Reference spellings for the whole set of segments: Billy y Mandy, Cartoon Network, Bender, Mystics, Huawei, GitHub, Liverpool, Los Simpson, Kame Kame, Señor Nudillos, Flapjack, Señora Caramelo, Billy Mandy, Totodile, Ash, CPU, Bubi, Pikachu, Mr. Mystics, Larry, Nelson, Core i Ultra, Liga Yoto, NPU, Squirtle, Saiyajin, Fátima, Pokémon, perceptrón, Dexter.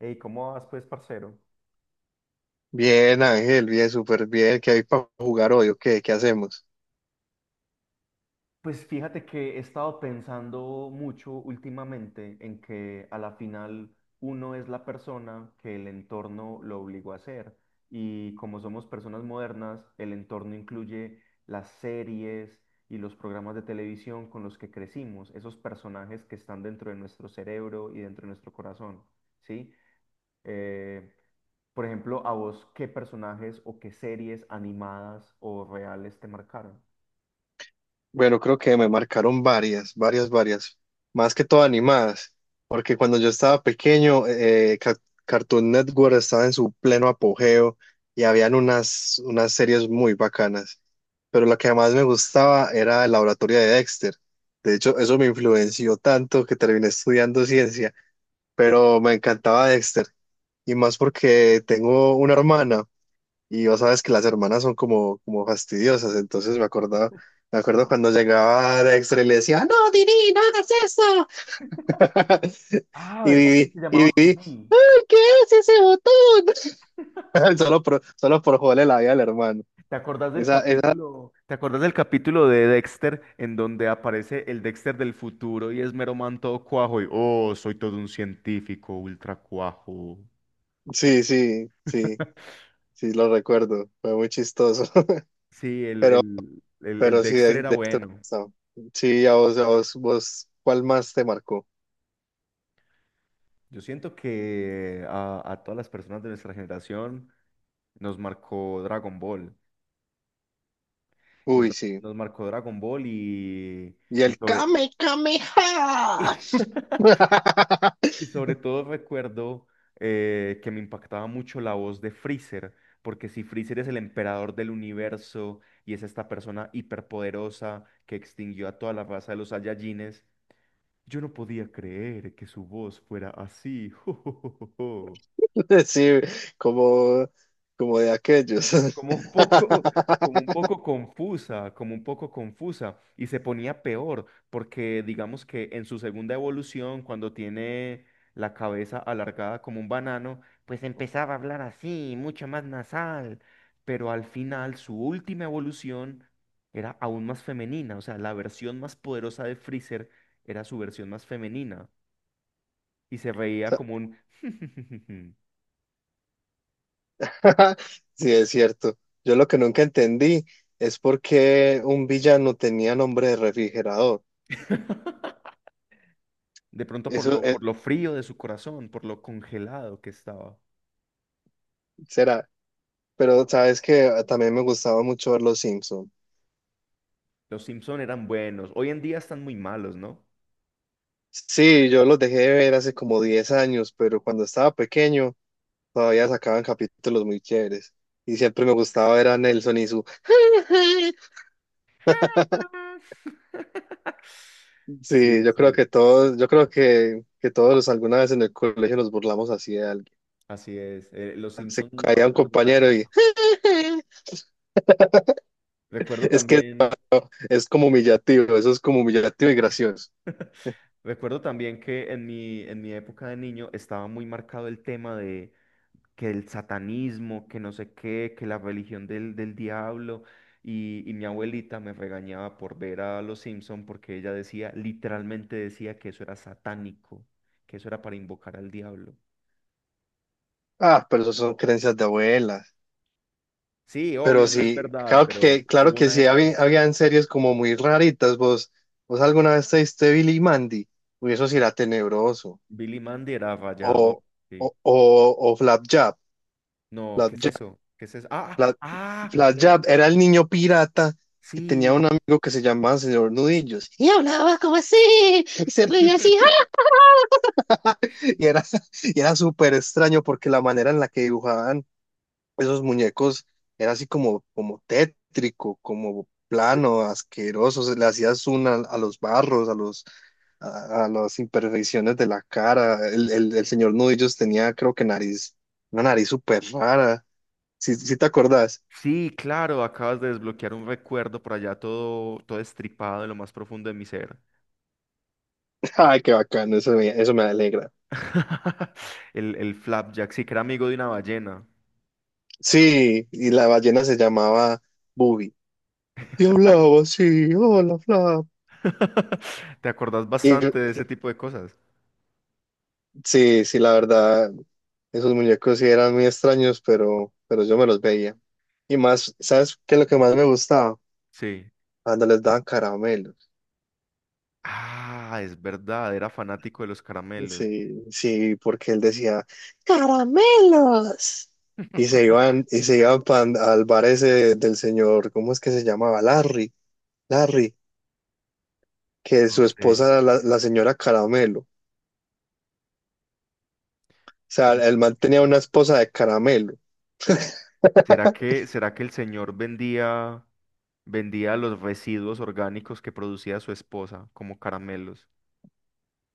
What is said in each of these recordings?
Ey, ¿cómo vas, pues, parcero? Bien, Ángel, bien, súper bien. ¿Qué hay para jugar hoy o qué? ¿Qué hacemos? Pues fíjate que he estado pensando mucho últimamente en que a la final uno es la persona que el entorno lo obligó a ser. Y como somos personas modernas, el entorno incluye las series y los programas de televisión con los que crecimos, esos personajes que están dentro de nuestro cerebro y dentro de nuestro corazón, ¿sí? Eh, por ejemplo, a vos, ¿qué personajes o qué series animadas o reales te marcaron? Bueno, creo que me marcaron varias. Más que todo animadas. Porque cuando yo estaba pequeño, Cartoon Network estaba en su pleno apogeo y habían unas series muy bacanas. Pero la que más me gustaba era el laboratorio de Dexter. De hecho, eso me influenció tanto que terminé estudiando ciencia. Pero me encantaba Dexter. Y más porque tengo una hermana. Y vos sabes que las hermanas son como fastidiosas, entonces me acuerdo cuando llegaba de extra y le decía, no, Dini, no hagas eso. Ah, Y ¿verdad que vivi se y llamaba vivi Judy? ¿qué es ese botón? Solo por joderle la vida al hermano. ¿Te acordás del Esa, capítulo, te acordás del capítulo de Dexter en donde aparece el Dexter del futuro y es mero man todo cuajo y oh, soy todo un científico ultra cuajo? sí, sí, sí, sí, lo recuerdo, fue muy chistoso. Sí, el, Pero, el, el, el pero sí, Dexter de era este bueno. pasado. Sí, vos, ¿cuál más te marcó? Yo siento que a todas las personas de nuestra generación nos marcó Dragon Ball. Nos, Uy, sí. Nos marcó Dragon Ball Y y el sobre... Kame Kame. Y sobre todo recuerdo que me impactaba mucho la voz de Freezer, porque si Freezer es el emperador del universo y es esta persona hiperpoderosa que extinguió a toda la raza de los Saiyajines, yo no podía creer que su voz fuera así. Sí, como, como de aquellos. Como un poco, como un poco confusa, como un poco confusa, y se ponía peor, porque digamos que en su segunda evolución, cuando tiene la cabeza alargada como un banano, pues empezaba a hablar así, mucho más nasal, pero al final su última evolución era aún más femenina, o sea, la versión más poderosa de Freezer era su versión más femenina, y se reía como un... Sí, es cierto. Yo lo que nunca entendí es por qué un villano tenía nombre de refrigerador. De pronto por Eso eh, por lo frío de su corazón, por lo congelado que estaba. será. Pero sabes que también me gustaba mucho ver Los Simpson. Los Simpson eran buenos. Hoy en día están muy malos, ¿no? Sí, yo los dejé de ver hace como 10 años, pero cuando estaba pequeño todavía sacaban capítulos muy chéveres. Y siempre me gustaba ver a Nelson y su... Sí, Sí, sí, yo creo que todos alguna vez en el colegio nos burlamos así de alguien. así es. Los Se Simpson caía un marcaron una compañero y época. Recuerdo es que también, eso es como humillativo, eso es como humillativo y gracioso. Recuerdo también que en en mi época de niño estaba muy marcado el tema de que el satanismo, que no sé qué, que la religión del diablo. Y mi abuelita me regañaba por ver a Los Simpson porque ella decía, literalmente decía que eso era satánico, que eso era para invocar al diablo. Ah, pero eso son creencias de abuelas. Sí, Pero obvio, no es sí, verdad, pero claro hubo que una sí, época. Habían series como muy raritas. Vos alguna vez te diste Billy y Mandy, uy, eso sí era tenebroso. Billy Mandy era rayador, O, sí. O Flapjack. No, ¿qué es eso? ¿Qué es eso? Ah, Fla- ah, Flash el... Jab era el niño pirata que tenía un Sí. amigo que se llamaba Señor Nudillos. Y hablaba como así, y se reía así. ¡Ah! Y era, y era súper extraño porque la manera en la que dibujaban esos muñecos era así como tétrico, como plano, asqueroso. Se le hacías una a los barros, a las imperfecciones de la cara. El Señor Nudillos tenía, creo que nariz, una nariz súper rara. Si te acordás. Sí, claro, acabas de desbloquear un recuerdo por allá todo, todo estripado en lo más profundo de mi ser. Ay, qué bacano, eso me alegra. El flapjack, sí, que era amigo de una ballena. Sí, y la ballena se llamaba Bubi. Y hablaba así, hola, Flap. ¿Te acordás Y bastante de ese tipo de cosas? sí, sí, la verdad, esos muñecos sí eran muy extraños, pero yo me los veía. Y más, ¿sabes qué es lo que más me gustaba? Sí. Cuando les daban caramelos. Ah, es verdad, era fanático de los caramelos. Sí, sí, porque él decía, ¡caramelos! Y se iban al bar ese del señor, ¿cómo es que se llamaba? Larry, que No su sé. esposa era la señora Caramelo. Sea, ¿Cómo- el man tenía una esposa de caramelo. Será que el señor vendía, vendía los residuos orgánicos que producía su esposa como caramelos?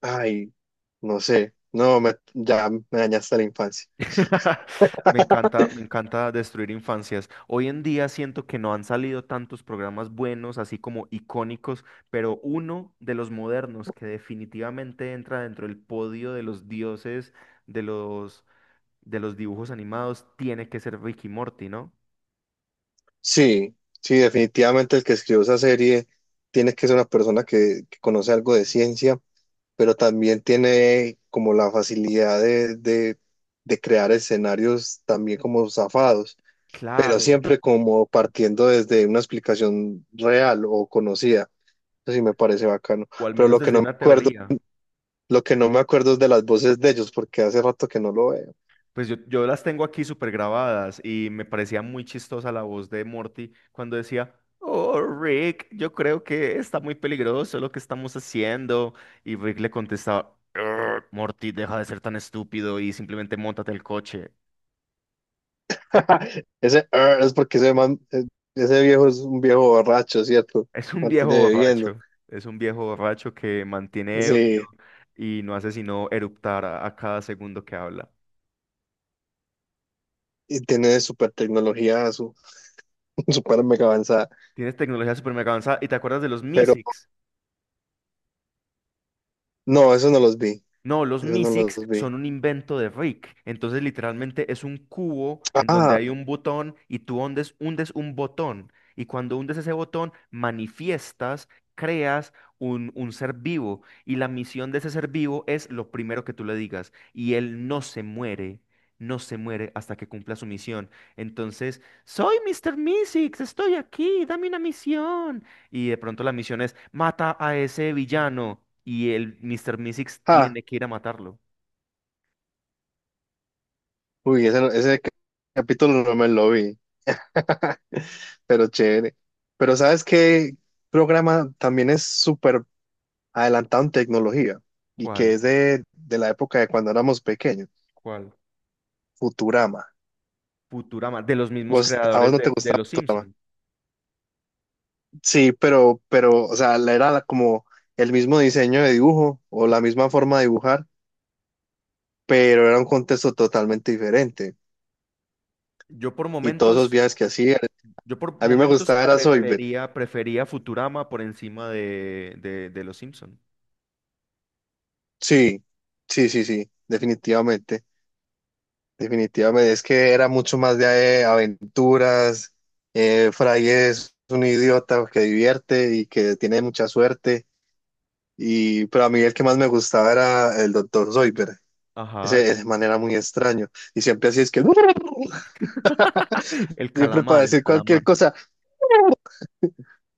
Ay, no sé. No, ya me dañaste la infancia. Me encanta destruir infancias. Hoy en día siento que no han salido tantos programas buenos, así como icónicos, pero uno de los modernos que definitivamente entra dentro del podio de los dioses de los de los dibujos animados tiene que ser Ricky Morty, ¿no? Sí, sí, definitivamente el que escribió esa serie tiene que ser una persona que conoce algo de ciencia, pero también tiene como la facilidad de crear escenarios también como zafados, pero Claro, siempre como partiendo desde una explicación real o conocida. Eso sí me parece bacano. o al Pero menos lo que desde no me una acuerdo teoría. Lo que no me acuerdo es de las voces de ellos, porque hace rato que no lo veo. Pues yo las tengo aquí súper grabadas y me parecía muy chistosa la voz de Morty cuando decía, Oh, Rick, yo creo que está muy peligroso lo que estamos haciendo. Y Rick le contestaba, "Ugh, Morty, deja de ser tan estúpido y simplemente móntate el coche." Ese "er" es porque ese man, ese viejo es un viejo borracho, ¿cierto? Es un viejo Mantiene bebiendo. borracho, es un viejo borracho que mantiene ebrio Sí, y no hace sino eruptar a cada segundo que habla. y tiene super tecnología, super mega avanzada. Tienes tecnología súper mega avanzada y te acuerdas de los Pero Mysics. no, eso no los vi. No, los Eso no Mysics los vi. son un invento de Rick. Entonces, literalmente es un cubo en donde Ah, hay un botón y tú hundes, hundes un botón. Y cuando hundes ese botón, manifiestas, creas un ser vivo. Y la misión de ese ser vivo es lo primero que tú le digas. Y él no se muere, no se muere hasta que cumpla su misión. Entonces, soy Mr. Mysics, estoy aquí, dame una misión y de pronto la misión es mata a ese villano y el Mr. Mystics ah. tiene que ir a matarlo. Uy, ese capítulo no me lo vi. Pero chévere. Pero ¿sabes qué programa también es súper adelantado en tecnología y que ¿Cuál? es de la época de cuando éramos pequeños, ¿Cuál? Futurama. Futurama, de los mismos ¿Vos, a vos creadores no te de gustaba Los Futurama? Simpson. Sí, o sea, como el mismo diseño de dibujo o la misma forma de dibujar, pero era un contexto totalmente diferente. Yo por Y todos esos momentos, viajes que hacía, yo por a mí me momentos gustaba era Soyber. prefería, prefería Futurama por encima de Los Simpson. Sí, sí, definitivamente. Definitivamente, es que era mucho más de aventuras. Fry es un idiota que divierte y que tiene mucha suerte. Y, pero a mí el que más me gustaba era el doctor Zoidberg. Ajá, Ese man era muy extraño. Y siempre así es que el siempre para calamar, el decir calamar. cualquier cosa.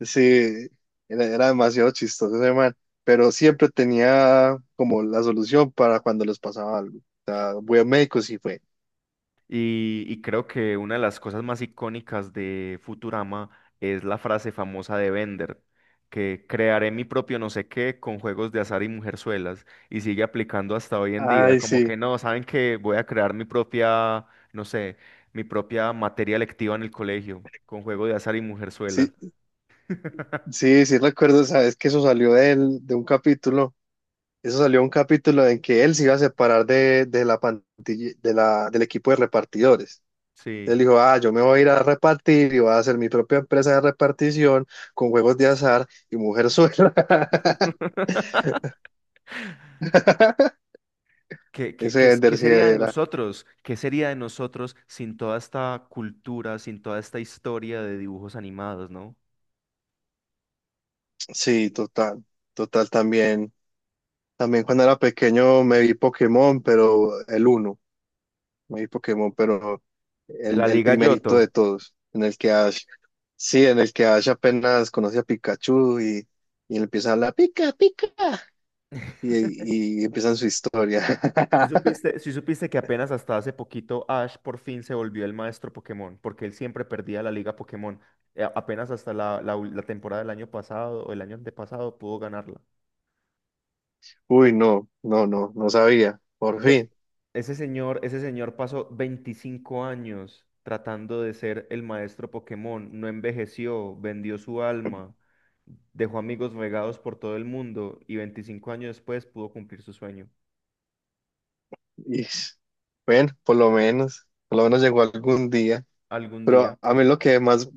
Sí, era demasiado chistoso ese man. Pero siempre tenía como la solución para cuando les pasaba algo. O sea, voy a médico, sí fue. Y creo que una de las cosas más icónicas de Futurama es la frase famosa de Bender, que crearé mi propio no sé qué con juegos de azar y mujerzuelas, y sigue aplicando hasta hoy en día, Ay, como sí. que no, saben que voy a crear mi propia, no sé, mi propia materia lectiva en el colegio, con juego de azar y mujerzuelas. Sí, sí, sí recuerdo, sabes que eso salió de un capítulo, eso salió un capítulo en que él se iba a separar de la pantilla, del equipo de repartidores. Él Sí. dijo, ah, yo me voy a ir a repartir y voy a hacer mi propia empresa de repartición con juegos de azar y mujer suelta. ¿Qué, qué- qué Ese es- qué Ender sí sería de era. nosotros? ¿Qué sería de nosotros sin toda esta cultura, sin toda esta historia de dibujos animados, ¿no? Sí, total, total también. También cuando era pequeño me vi Pokémon, pero el uno. Muy Pokémon, pero De la el Liga primerito de Yoto. todos, en el que Ash, sí, en el que Ash apenas conoce a Pikachu y le empieza a hablar pica, pica, y empiezan su historia. Si supiste, si supiste que apenas hasta hace poquito Ash por fin se volvió el maestro Pokémon, porque él siempre perdía la Liga Pokémon. Apenas hasta la ul- la temporada del año pasado o el año antepasado pudo ganarla. Uy, no, no sabía, por Ese, fin. Ese señor, ese señor pasó 25 años tratando de ser el maestro Pokémon, no envejeció, vendió su alma, dejó amigos regados por todo el mundo y 25 años después pudo cumplir su sueño. Y, bueno, por lo menos llegó algún día. Algún Pero día, a mí lo que más,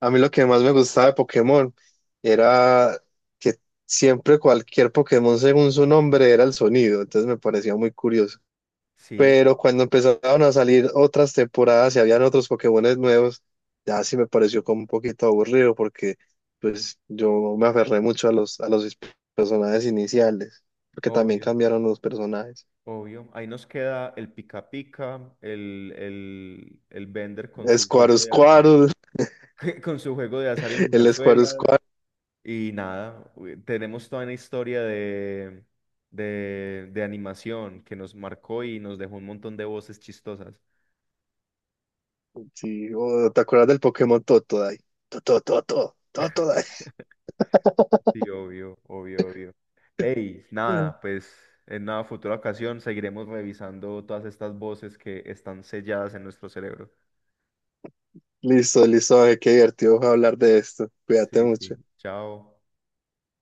a mí lo que más me gustaba de Pokémon era que siempre cualquier Pokémon según su nombre era el sonido, entonces me parecía muy curioso. sí, Pero cuando empezaron a salir otras temporadas y habían otros Pokémones nuevos, ya sí me pareció como un poquito aburrido porque pues yo me aferré mucho a a los personajes iniciales, porque también obvio. cambiaron los personajes. Obvio. Ahí nos queda el pica pica, el Bender con su juego de azar, Squirtle, con su juego de azar y el mujerzuelas. Squirtle, Y nada, u- tenemos toda una historia de animación que nos marcó y nos dejó un montón de voces chistosas. sí, oh, ¿te acuerdas del Pokémon Totodile? Totodile, Totodile. Sí, obvio, obvio, obvio. Ey, nada, pues en una futura ocasión seguiremos revisando todas estas voces que están selladas en nuestro cerebro. Listo, listo, ay, qué divertido fue hablar de esto. Cuídate Sí, sí. mucho. Chao.